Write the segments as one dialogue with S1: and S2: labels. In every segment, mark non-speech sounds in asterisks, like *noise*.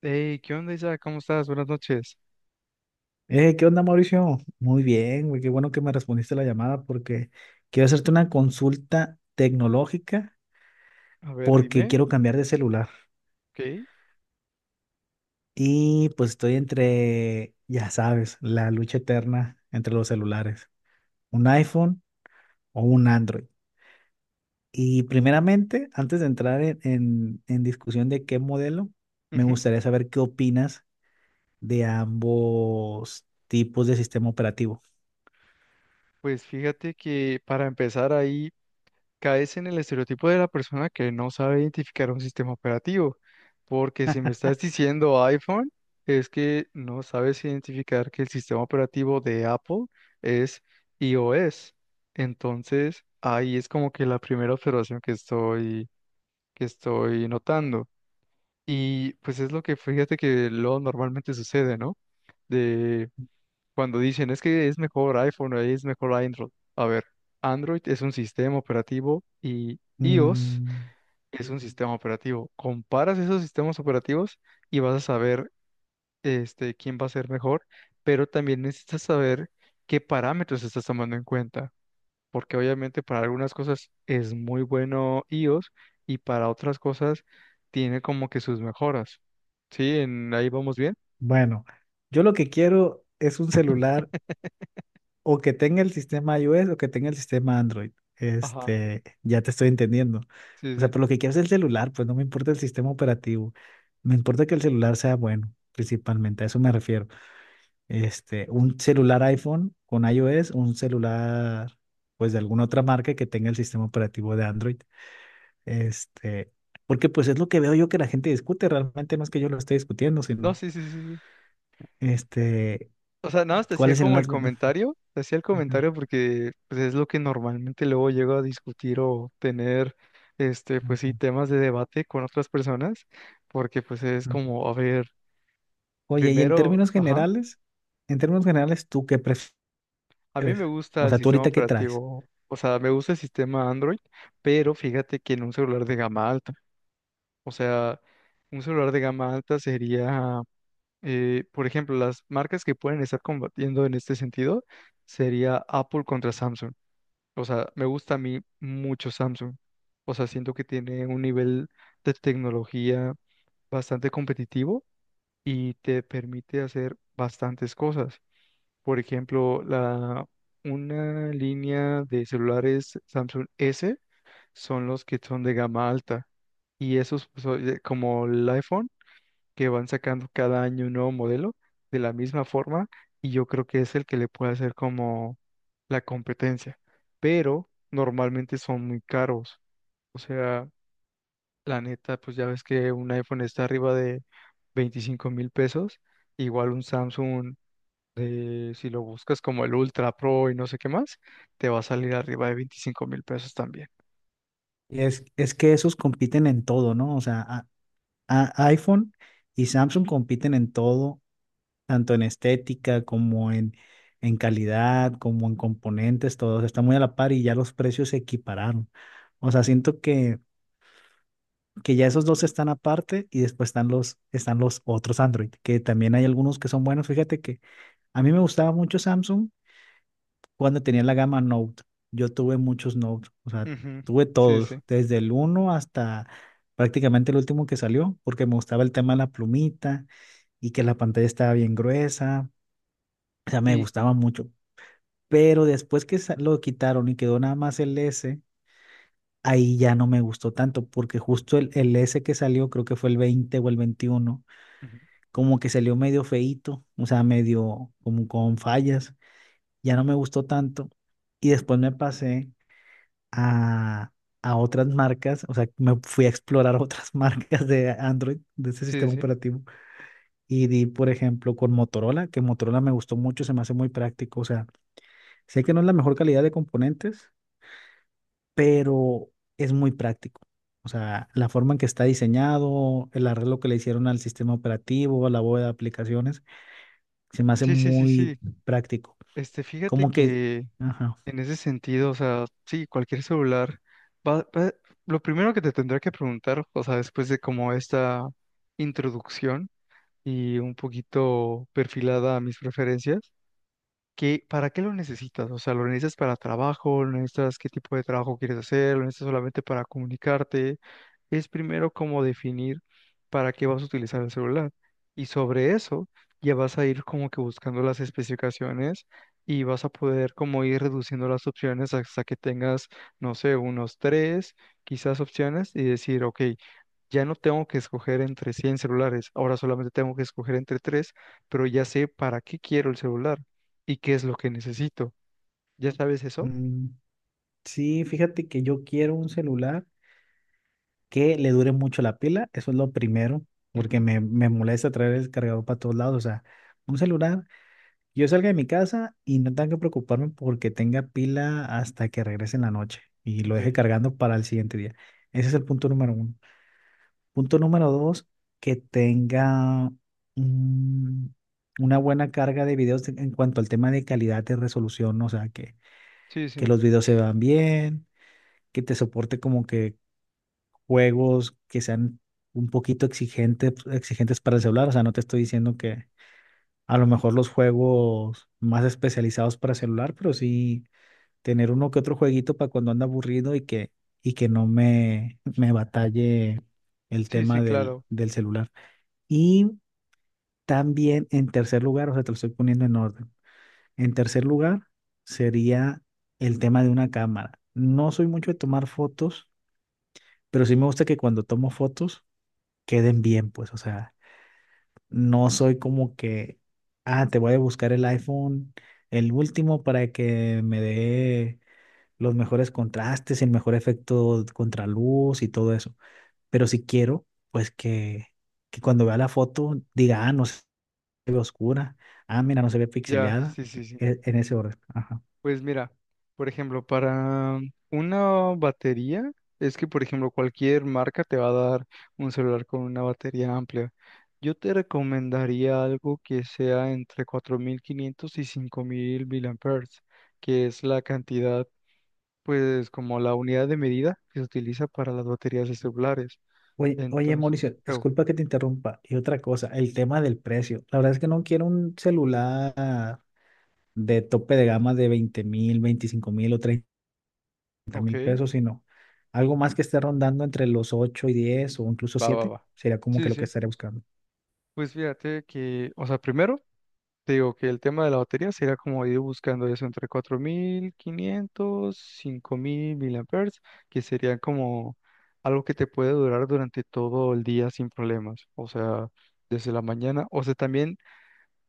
S1: Hey, ¿qué onda, Isa? ¿Cómo estás? Buenas noches.
S2: ¿Qué onda, Mauricio? Muy bien, güey, qué bueno que me respondiste la llamada porque quiero hacerte una consulta tecnológica
S1: A ver,
S2: porque
S1: dime.
S2: quiero cambiar de celular.
S1: Ok.
S2: Y pues estoy entre, ya sabes, la lucha eterna entre los celulares, un iPhone o un Android. Y primeramente, antes de entrar en discusión de qué modelo, me
S1: Ujú.
S2: gustaría saber qué opinas de ambos tipos de sistema operativo.
S1: Pues fíjate que para empezar ahí caes en el estereotipo de la persona que no sabe identificar un sistema operativo. Porque si me estás diciendo iPhone, es que no sabes identificar que el sistema operativo de Apple es iOS. Entonces, ahí es como que la primera observación que estoy notando. Y pues es lo que fíjate que luego normalmente sucede, ¿no? De cuando dicen, es que es mejor iPhone o es mejor Android. A ver, Android es un sistema operativo y iOS
S2: Mm.
S1: es un sistema operativo. Comparas esos sistemas operativos y vas a saber quién va a ser mejor, pero también necesitas saber qué parámetros estás tomando en cuenta porque obviamente para algunas cosas es muy bueno iOS y para otras cosas tiene como que sus mejoras. ¿Sí? Ahí vamos bien.
S2: Bueno, yo lo que quiero es un celular o que tenga el sistema iOS o que tenga el sistema Android.
S1: Ajá.
S2: Este, ya te estoy entendiendo.
S1: Sí,
S2: O sea,
S1: sí.
S2: pero lo que quiero es el celular, pues no me importa el sistema operativo. Me importa que el celular sea bueno, principalmente, a eso me refiero. Este, un celular iPhone con iOS, un celular, pues de alguna otra marca que tenga el sistema operativo de Android. Este, porque pues es lo que veo yo que la gente discute, realmente no es que yo lo esté discutiendo,
S1: No,
S2: sino,
S1: sí, sí, sí. Sí.
S2: este,
S1: O sea, nada más te hacía
S2: ¿cuáles serán
S1: como el
S2: las ventajas?
S1: comentario, te hacía el
S2: Ujú,
S1: comentario porque pues, es lo que normalmente luego llego a discutir o tener, pues sí,
S2: ujú,
S1: temas de debate con otras personas, porque pues es
S2: ujú.
S1: como, a ver,
S2: Oye, y
S1: primero, ajá.
S2: en términos generales, ¿tú qué prefieres?
S1: A mí me gusta
S2: O
S1: el
S2: sea, ¿tú
S1: sistema
S2: ahorita qué traes?
S1: operativo, o sea, me gusta el sistema Android, pero fíjate que en un celular de gama alta, o sea, un celular de gama alta sería, por ejemplo, las marcas que pueden estar combatiendo en este sentido sería Apple contra Samsung. O sea, me gusta a mí mucho Samsung. O sea, siento que tiene un nivel de tecnología bastante competitivo y te permite hacer bastantes cosas. Por ejemplo, una línea de celulares Samsung S son los que son de gama alta. Y esos, pues, como el iPhone, que van sacando cada año un nuevo modelo de la misma forma. Y yo creo que es el que le puede hacer como la competencia. Pero normalmente son muy caros. O sea, la neta, pues ya ves que un iPhone está arriba de 25 mil pesos. Igual un Samsung si lo buscas como el Ultra Pro y no sé qué más, te va a salir arriba de 25 mil pesos también.
S2: Es que esos compiten en todo, ¿no? O sea, iPhone y Samsung compiten en todo, tanto en estética como en calidad, como en componentes, todos están muy a la par y ya los precios se equipararon. O sea, siento que ya esos dos están aparte y después están están los otros Android, que también hay algunos que son buenos. Fíjate que a mí me gustaba mucho Samsung cuando tenía la gama Note. Yo tuve muchos Note, o sea,
S1: Ujú.
S2: tuve
S1: Sí,
S2: todos,
S1: sí.
S2: desde el uno hasta prácticamente el último que salió, porque me gustaba el tema de la plumita y que la pantalla estaba bien gruesa, o sea, me
S1: Y
S2: gustaba mucho. Pero después que lo quitaron y quedó nada más el S, ahí ya no me gustó tanto, porque justo el S que salió, creo que fue el 20 o el 21,
S1: ujú,
S2: como que salió medio feíto, o sea, medio como con fallas, ya no me gustó tanto. Y después me pasé a, a otras marcas, o sea, me fui a explorar otras *laughs* marcas de Android, de ese
S1: sí,
S2: sistema
S1: sí.
S2: operativo, y di, por ejemplo, con Motorola, que Motorola me gustó mucho, se me hace muy práctico, o sea, sé que no es la mejor calidad de componentes, pero es muy práctico. O sea, la forma en que está diseñado, el arreglo que le hicieron al sistema operativo, a la bóveda de aplicaciones, se me hace
S1: Sí, sí, sí,
S2: muy
S1: sí.
S2: práctico.
S1: Fíjate
S2: Como que,
S1: que
S2: ajá.
S1: en ese sentido, o sea, sí, cualquier celular va, va- lo primero que te tendrá que preguntar, o sea, después de como esta introducción y un poquito perfilada a mis preferencias, ¿qué, para qué lo necesitas? O sea, ¿lo necesitas para trabajo? ¿Lo necesitas qué tipo de trabajo quieres hacer? ¿Lo necesitas solamente para comunicarte? Es primero como definir para qué vas a utilizar el celular. Y sobre eso ya vas a ir como que buscando las especificaciones y vas a poder como ir reduciendo las opciones hasta que tengas, no sé, unos tres, quizás opciones y decir, ok, ya no tengo que escoger entre 100 celulares, ahora solamente tengo que escoger entre tres, pero ya sé para qué quiero el celular y qué es lo que necesito. ¿Ya sabes eso?
S2: Mm, sí, fíjate que yo quiero un celular que le dure mucho la pila, eso es lo primero, porque
S1: Ujú.
S2: me molesta traer el cargador para todos lados, o sea, un celular, yo salga de mi casa y no tengo que preocuparme porque tenga pila hasta que regrese en la noche y lo deje
S1: Ok.
S2: cargando para el siguiente día. Ese es el punto número uno. Punto número dos, que tenga mm, una buena carga de videos en cuanto al tema de calidad de resolución, o sea, que,
S1: Sí,
S2: que
S1: sí.
S2: los videos se vean bien, que te soporte como que juegos que sean un poquito exigentes, exigentes para el celular. O sea, no te estoy diciendo que a lo mejor los juegos más especializados para celular, pero sí tener uno que otro jueguito para cuando anda aburrido y que no me batalle el
S1: Sí, sí,
S2: tema del,
S1: claro.
S2: del celular. Y también en tercer lugar, o sea, te lo estoy poniendo en orden. En tercer lugar sería el tema de una cámara. No soy mucho de tomar fotos, pero sí me gusta que cuando tomo fotos queden bien, pues, o sea, no soy como que, ah, te voy a buscar el iPhone, el último, para que me dé los mejores contrastes, el mejor efecto contraluz y todo eso. Pero si quiero, pues que, cuando vea la foto diga, ah, no se ve oscura, ah, mira, no se ve
S1: Ya,
S2: pixeleada,
S1: sí, sí, sí.
S2: en ese orden. Ajá.
S1: Pues mira, por ejemplo, para una batería, es que, por ejemplo, cualquier marca te va a dar un celular con una batería amplia. Yo te recomendaría algo que sea entre 4500 y 5000 miliamperes, que es la cantidad, pues como la unidad de medida que se utiliza para las baterías de celulares.
S2: Oye, oye,
S1: Entonces,
S2: Mauricio,
S1: oh,
S2: disculpa que te interrumpa. Y otra cosa, el tema del precio. La verdad es que no quiero un celular de tope de gama de 20,000, 25,000 o treinta
S1: ok,
S2: mil pesos, sino algo más que esté rondando entre los 8 y 10 o incluso
S1: va, va,
S2: siete
S1: va.
S2: sería como que
S1: Sí,
S2: lo
S1: sí,
S2: que
S1: sí.
S2: estaría buscando.
S1: Pues fíjate que, o sea, primero te digo que el tema de la batería sería como ir buscando eso entre 4500, 5000 miliamperes, que sería como algo que te puede durar durante todo el día sin problemas, o sea, desde la mañana. O sea, también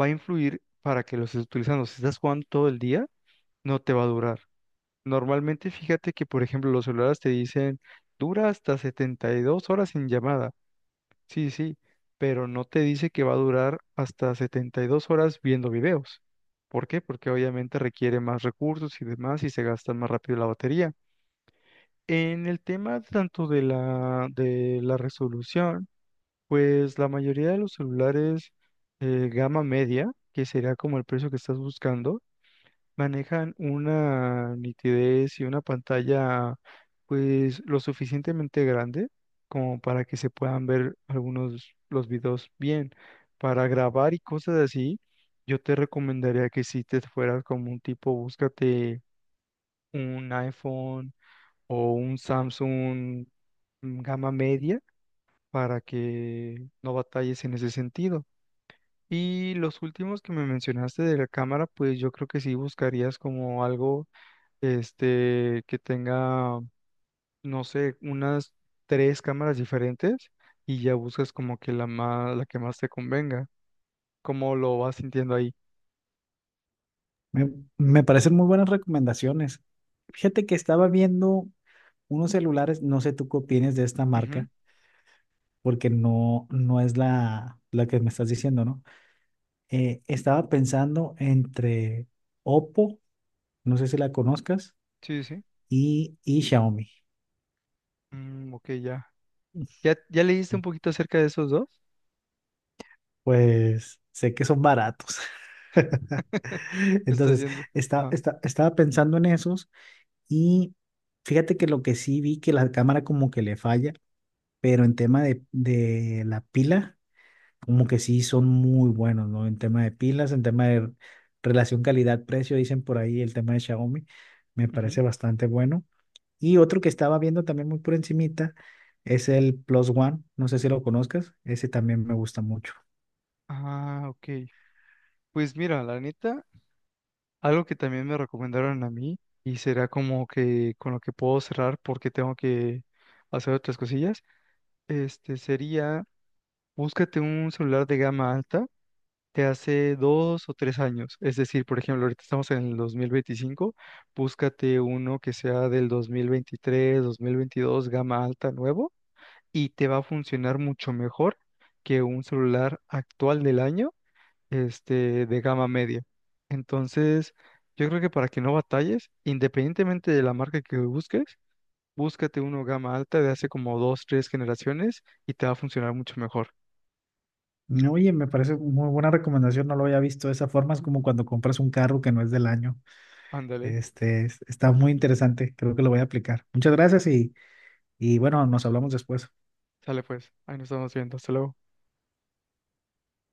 S1: va a influir para que los estés utilizando. Si estás jugando todo el día, no te va a durar. Normalmente fíjate que, por ejemplo, los celulares te dicen dura hasta 72 horas en llamada. Sí, sí, pero no te dice que va a durar hasta 72 horas viendo videos. ¿Por qué? Porque obviamente requiere más recursos y demás y se gasta más rápido la batería. En el tema tanto de la resolución, pues la mayoría de los celulares, gama media, que sería como el precio que estás buscando, manejan una nitidez y una pantalla pues lo suficientemente grande como para que se puedan ver algunos los videos bien. Para grabar y cosas así, yo te recomendaría que si te fueras como un tipo, búscate un iPhone o un Samsung, gama media, para que no batalles en ese sentido. Y los últimos que me mencionaste de la cámara, pues yo creo que sí buscarías como algo, que tenga, no sé, unas tres cámaras diferentes y ya buscas como que la más, la que más te convenga, cómo lo vas sintiendo ahí.
S2: Me, me parecen muy buenas recomendaciones. Fíjate que estaba viendo unos celulares, no sé tú qué opinas de esta
S1: Ujú.
S2: marca, porque no es la que me estás diciendo, ¿no? Estaba pensando entre Oppo, no sé si la conozcas,
S1: Sí, sí.
S2: y Xiaomi.
S1: Mm, ok, ya. ¿Ya leíste un poquito acerca de esos dos?
S2: Pues sé que son baratos. *laughs*
S1: *laughs* Te estás
S2: Entonces,
S1: yendo.
S2: está,
S1: Ajá.
S2: estaba pensando en esos y fíjate que lo que sí vi que la cámara como que le falla, pero en tema de la pila, como que sí son muy buenos, ¿no? En tema de pilas, en tema de relación calidad-precio, dicen por ahí el tema de Xiaomi, me
S1: Ujú.
S2: parece bastante bueno. Y otro que estaba viendo también muy por encimita es el Plus One, no sé si lo conozcas, ese también me gusta mucho.
S1: Ah, ok. Pues mira, la neta, algo que también me recomendaron a mí y será como que con lo que puedo cerrar, porque tengo que hacer otras cosillas, este sería: búscate un celular de gama alta de hace dos o tres años. Es decir, por ejemplo, ahorita estamos en el 2025, búscate uno que sea del 2023, 2022, gama alta nuevo, y te va a funcionar mucho mejor que un celular actual del año, de gama media. Entonces, yo creo que para que no batalles, independientemente de la marca que busques, búscate uno gama alta de hace como dos, tres generaciones y te va a funcionar mucho mejor.
S2: No, oye, me parece muy buena recomendación, no lo había visto de esa forma, es como cuando compras un carro que no es del año.
S1: Ándale.
S2: Este, está muy interesante, creo que lo voy a aplicar. Muchas gracias y, bueno, nos hablamos después.
S1: Sale pues, ahí nos estamos viendo. Hasta luego.